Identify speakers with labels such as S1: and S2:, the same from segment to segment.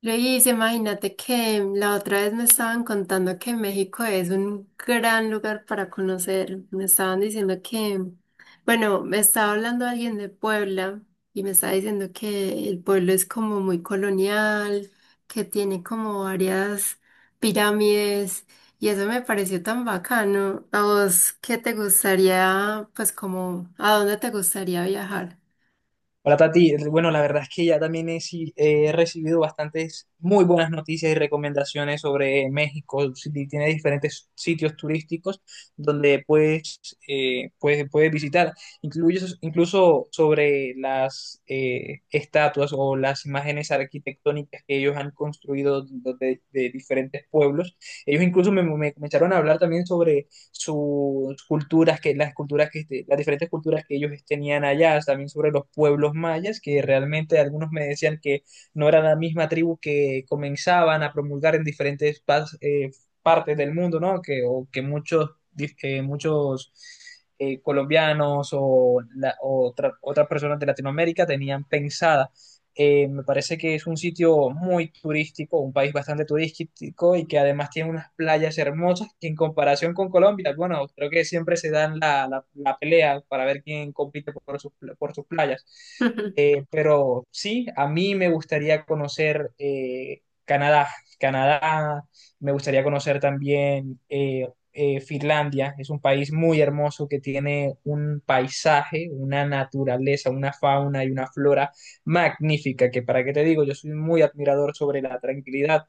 S1: Luis, imagínate que la otra vez me estaban contando que México es un gran lugar para conocer. Me estaban diciendo que, bueno, me estaba hablando alguien de Puebla y me estaba diciendo que el pueblo es como muy colonial, que tiene como varias pirámides y eso me pareció tan bacano. ¿A vos qué te gustaría, pues como, a dónde te gustaría viajar?
S2: Hola Tati, bueno, la verdad es que ya también he, si- he recibido bastantes muy buenas noticias y recomendaciones sobre México. Si ti- Tiene diferentes sitios turísticos donde puedes, puedes visitar, incluso sobre las estatuas o las imágenes arquitectónicas que ellos han construido de diferentes pueblos. Ellos incluso me comenzaron a hablar también sobre sus las culturas que las diferentes culturas que ellos tenían allá, también sobre los pueblos mayas, que realmente algunos me decían que no era la misma tribu que comenzaban a promulgar en diferentes partes del mundo, ¿no? O que muchos, muchos colombianos o otras personas de Latinoamérica tenían pensadas. Me parece que es un sitio muy turístico, un país bastante turístico y que además tiene unas playas hermosas que en comparación con Colombia, bueno, creo que siempre se dan la pelea para ver quién compite por sus playas. Pero sí, a mí me gustaría conocer Canadá. Canadá, me gustaría conocer también Finlandia. Es un país muy hermoso que tiene un paisaje, una naturaleza, una fauna y una flora magnífica, que para qué te digo, yo soy muy admirador sobre la tranquilidad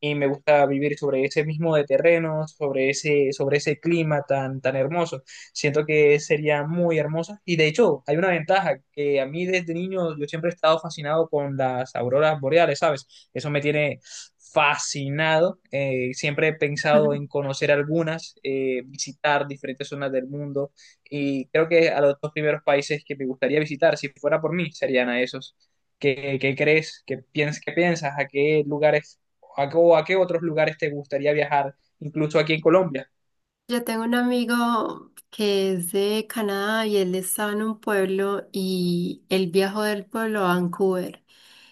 S2: y me gusta vivir sobre ese mismo de terreno, sobre ese clima tan, tan hermoso. Siento que sería muy hermosa y de hecho hay una ventaja que a mí desde niño yo siempre he estado fascinado con las auroras boreales, ¿sabes? Eso me tiene fascinado, siempre he pensado en conocer algunas, visitar diferentes zonas del mundo y creo que a los dos primeros países que me gustaría visitar, si fuera por mí, serían a esos. ¿Qué crees? ¿Qué piensas? ¿A qué lugares a qué otros lugares te gustaría viajar? Incluso aquí en Colombia.
S1: Yo tengo un amigo que es de Canadá y él estaba en un pueblo y él viajó del pueblo a Vancouver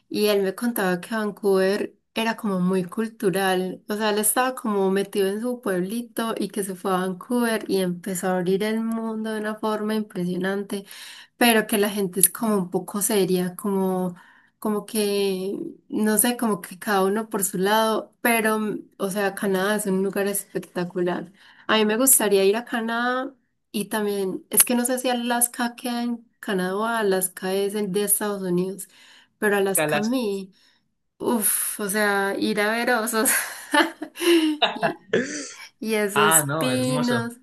S1: y él me contaba que Vancouver era como muy cultural, o sea, él estaba como metido en su pueblito y que se fue a Vancouver y empezó a abrir el mundo de una forma impresionante pero que la gente es como un poco seria, como, como que, no sé, como que cada uno por su lado, pero, o sea, Canadá es un lugar espectacular. A mí me gustaría ir a Canadá y también, es que no sé si Alaska queda en Canadá o Alaska es el de Estados Unidos, pero Alaska a
S2: Calas.
S1: mí, uff, o sea, ir a ver osos y, y
S2: Ah,
S1: esos
S2: no, hermoso.
S1: pinos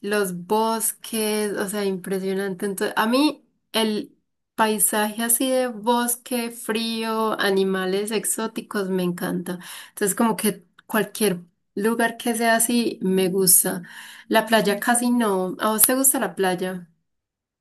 S1: los bosques, o sea, impresionante. Entonces, a mí el paisaje así de bosque, frío, animales exóticos me encanta. Entonces, como que cualquier lugar que sea así me gusta. La playa casi no. ¿A vos te gusta la playa?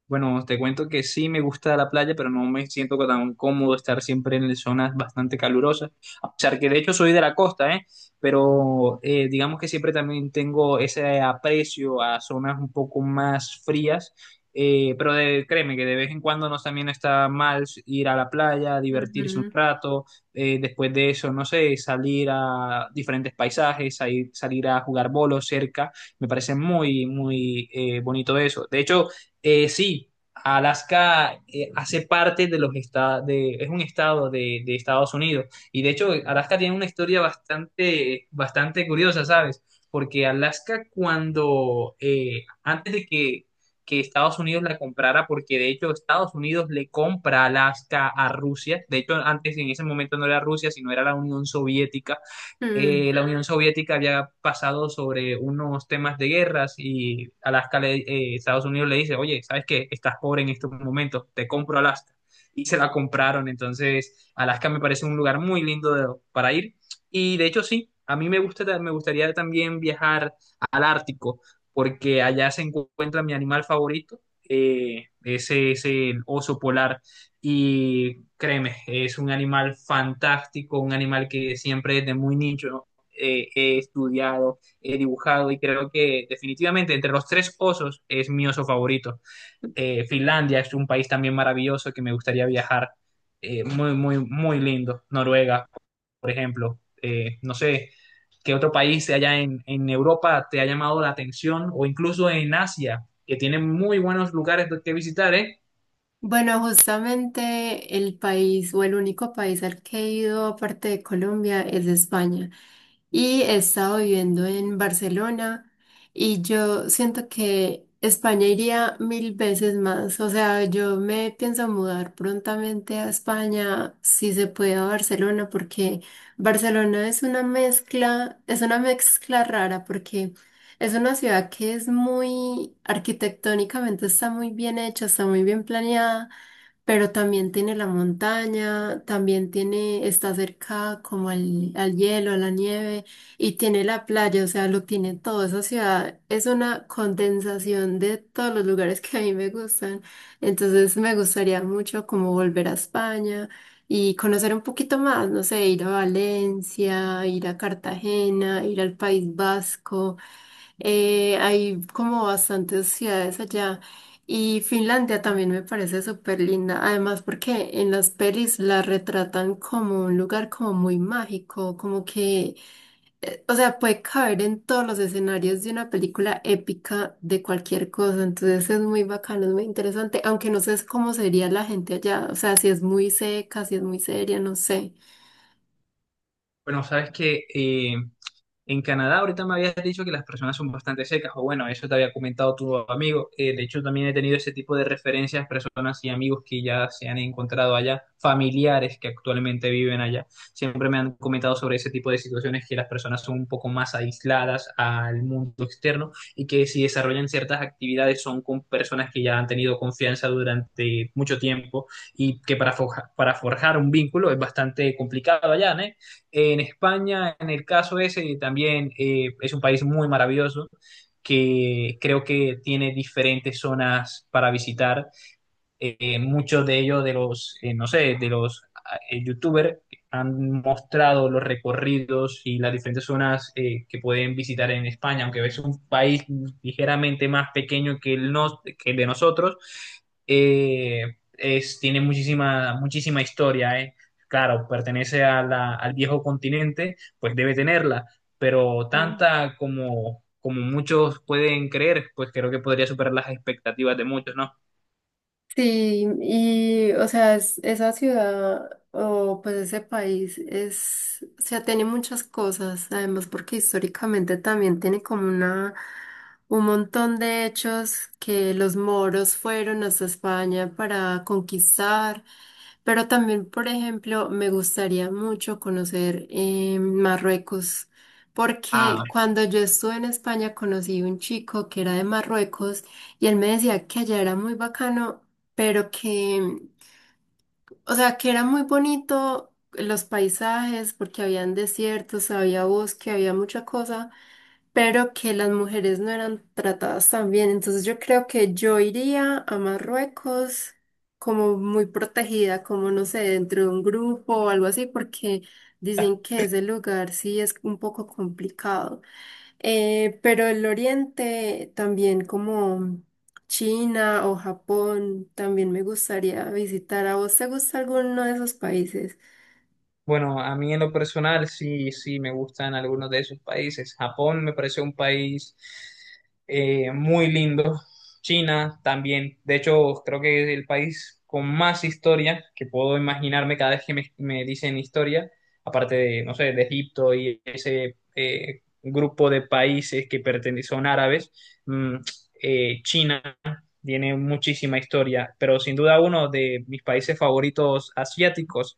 S2: Bueno, te cuento que sí me gusta la playa, pero no me siento tan cómodo estar siempre en zonas bastante calurosas, a pesar que de hecho soy de la costa, ¿eh? Pero digamos que siempre también tengo ese aprecio a zonas un poco más frías, créeme que de vez en cuando no también está mal ir a la playa, divertirse un
S1: Ujú.
S2: rato, después de eso, no sé, salir a diferentes paisajes, salir a jugar bolos cerca, me parece muy, muy bonito eso. De hecho, sí, Alaska hace parte de los estados, es un estado de Estados Unidos. Y de hecho, Alaska tiene una historia bastante, bastante curiosa, ¿sabes? Porque Alaska cuando, que Estados Unidos la comprara, porque de hecho Estados Unidos le compra Alaska a Rusia, de hecho antes en ese momento no era Rusia, sino era
S1: Mm.
S2: la Unión Soviética había pasado sobre unos temas de guerras y Estados Unidos le dice, oye, ¿sabes qué? Estás pobre en estos momentos, te compro Alaska. Y se la compraron, entonces Alaska me parece un lugar muy lindo para ir. Y de hecho sí, a mí me gusta, me gustaría también viajar al Ártico, porque allá se encuentra mi animal favorito, ese es el oso polar. Y créeme, es un animal fantástico, un animal que siempre desde muy nicho he estudiado, he dibujado y creo que definitivamente entre los tres osos es mi oso favorito. Finlandia es un país también maravilloso que me gustaría viajar, muy, muy lindo. Noruega, por ejemplo. No sé qué otro país allá en Europa te ha llamado la atención o incluso en Asia, que tiene muy buenos lugares que visitar, ¿eh?
S1: Bueno, justamente el país o el único país al que he ido aparte de Colombia es España. Y he estado viviendo en Barcelona y yo siento que España iría mil veces más. O sea, yo me pienso mudar prontamente a España, si se puede a Barcelona, porque Barcelona es una mezcla rara porque... Es una ciudad que es muy arquitectónicamente está muy bien hecha, está muy bien planeada pero también tiene la montaña, también tiene, está cerca como al, al hielo, a la nieve, y tiene la playa, o sea, lo tiene todo. Esa ciudad es una condensación de todos los lugares que a mí me gustan. Entonces me gustaría mucho como volver a España y conocer un poquito más, no sé, ir a Valencia, ir a Cartagena, ir al País Vasco. Hay como bastantes ciudades allá y Finlandia también me parece súper linda, además porque en las pelis la retratan como un lugar como muy mágico, como que, o sea, puede caber en todos los escenarios de una película épica de cualquier cosa, entonces es muy bacano, es muy interesante, aunque no sé cómo sería la gente allá, o sea, si es muy seca, si es muy seria, no sé.
S2: Bueno, sabes que en Canadá ahorita me habías dicho que las personas son bastante secas, o bueno, eso te había comentado tu amigo. De hecho, también he tenido ese tipo de referencias, personas y amigos que ya se han encontrado allá, familiares que actualmente viven allá. Siempre me han comentado sobre ese tipo de situaciones que las personas son un poco más aisladas al mundo externo y que si desarrollan ciertas actividades son con personas que ya han tenido confianza durante mucho tiempo y que para forjar un vínculo es bastante complicado allá, ¿no? En España, en el caso ese, también es un país muy maravilloso que creo que tiene diferentes zonas para visitar muchos de ellos, no sé, de los youtubers, han mostrado los recorridos y las diferentes zonas que pueden visitar en España, aunque es un país ligeramente más pequeño que que el de nosotros, tiene muchísima, muchísima historia, eh. Claro, pertenece a al viejo continente, pues debe tenerla, pero tanta como, como muchos pueden creer, pues creo que podría superar las expectativas de muchos, ¿no?
S1: Sí, y o sea, es- esa ciudad o pues ese país es, o sea, tiene muchas cosas, además porque históricamente también tiene como una, un montón de hechos que los moros fueron hasta España para conquistar, pero también, por ejemplo, me gustaría mucho conocer Marruecos,
S2: Ah,
S1: porque cuando yo estuve en España conocí un chico que era de Marruecos. Y él me decía que allá era muy bacano pero que, o sea, que era muy bonito los paisajes porque habían desiertos, había bosque, había mucha cosa, pero que las mujeres no eran tratadas tan bien. Entonces yo creo que yo iría a Marruecos como muy protegida, como no sé, dentro de un grupo o algo así, porque dicen que ese lugar sí es un poco complicado. Pero el Oriente también como China o Japón también me gustaría visitar. ¿A vos te gusta alguno de esos país? Ujú.
S2: bueno, a mí en lo personal sí, sí me gustan algunos de esos países. Japón me parece un país muy lindo. China también. De hecho, creo que es el país con más historia que puedo imaginarme cada vez que me dicen historia. Aparte de, no sé, de Egipto y ese grupo de países que pertenecen son árabes. Mm, China tiene muchísima historia, pero sin duda uno de mis países favoritos asiáticos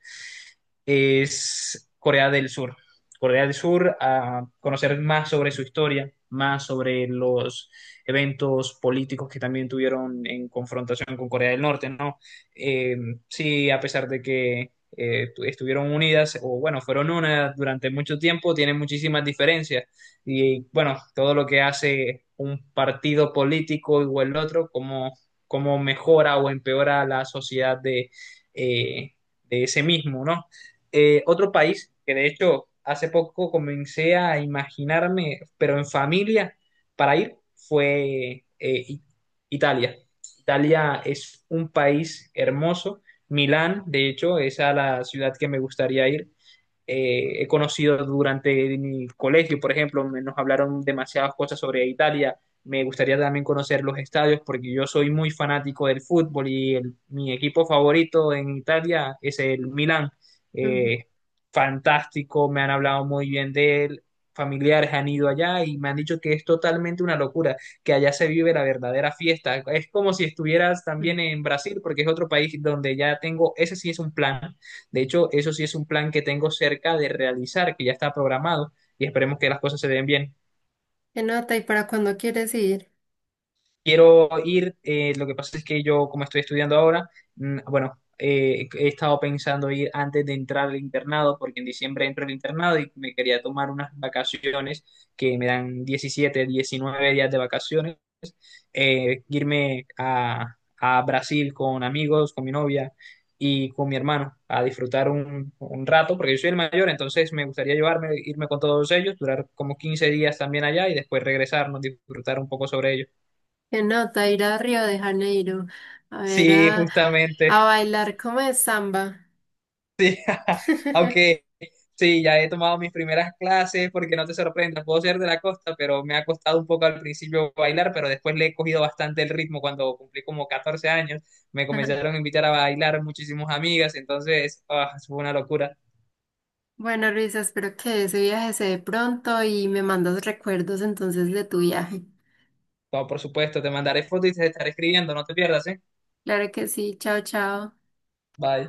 S2: es Corea del Sur. Corea del Sur, a conocer más sobre su historia, más sobre los eventos políticos que también tuvieron en confrontación con Corea del Norte, ¿no? Eh, sí, a pesar de que estuvieron unidas, o bueno, fueron una durante mucho tiempo, tienen muchísimas diferencias. Y bueno, todo lo que hace un partido político o el otro, cómo mejora o empeora la sociedad eh, de ese mismo, ¿no? Otro país que de hecho hace poco comencé a imaginarme, pero en familia, para ir, fue Italia. Italia es un país hermoso. Milán, de hecho, es a la ciudad que me gustaría ir he conocido durante mi colegio, por ejemplo, nos hablaron demasiadas cosas sobre Italia. Me gustaría también conocer los estadios porque yo soy muy fanático del fútbol y mi equipo favorito en Italia es el Milan. Eh, Fantástico, me han hablado muy bien de él, familiares han ido allá y me han dicho que es totalmente una locura, que allá se vive la verdadera fiesta. Es como si estuvieras
S1: Ujú.
S2: también en Brasil porque es otro país donde ya tengo, ese sí es un plan de hecho, eso sí es un plan que tengo cerca de realizar, que ya está programado y esperemos que las cosas se den bien.
S1: ¿Qué nota y para cuándo quieres ir?
S2: Quiero ir, lo que pasa es que yo, como estoy estudiando ahora, mm, bueno, he estado pensando ir antes de entrar al internado, porque en diciembre entro al internado y me quería tomar unas vacaciones que me dan 17, 19 días de vacaciones irme a Brasil con amigos, con mi novia y con mi hermano a disfrutar un rato, porque yo soy el mayor, entonces me gustaría llevarme, irme con todos ellos, durar como 15 días también allá y después regresarnos, disfrutar un poco sobre ellos.
S1: Qué nota ir a Río de Janeiro a ver
S2: Sí, justamente.
S1: a bailar como es samba.
S2: Sí, aunque sí, ya he tomado mis primeras clases porque no te sorprendas, puedo ser de la costa, pero me ha costado un poco al principio bailar, pero después le he cogido bastante el ritmo cuando cumplí como 14 años, me
S1: Ajá.
S2: comenzaron a invitar a bailar muchísimas amigas, entonces ah, fue una locura.
S1: Bueno, Luisa, espero que ese viaje se dé pronto y me mandas recuerdos entonces de tu viaje.
S2: No, por supuesto, te mandaré fotos y te estaré escribiendo, no te pierdas, ¿eh?
S1: Claro que sí, chao, chao.
S2: Bye.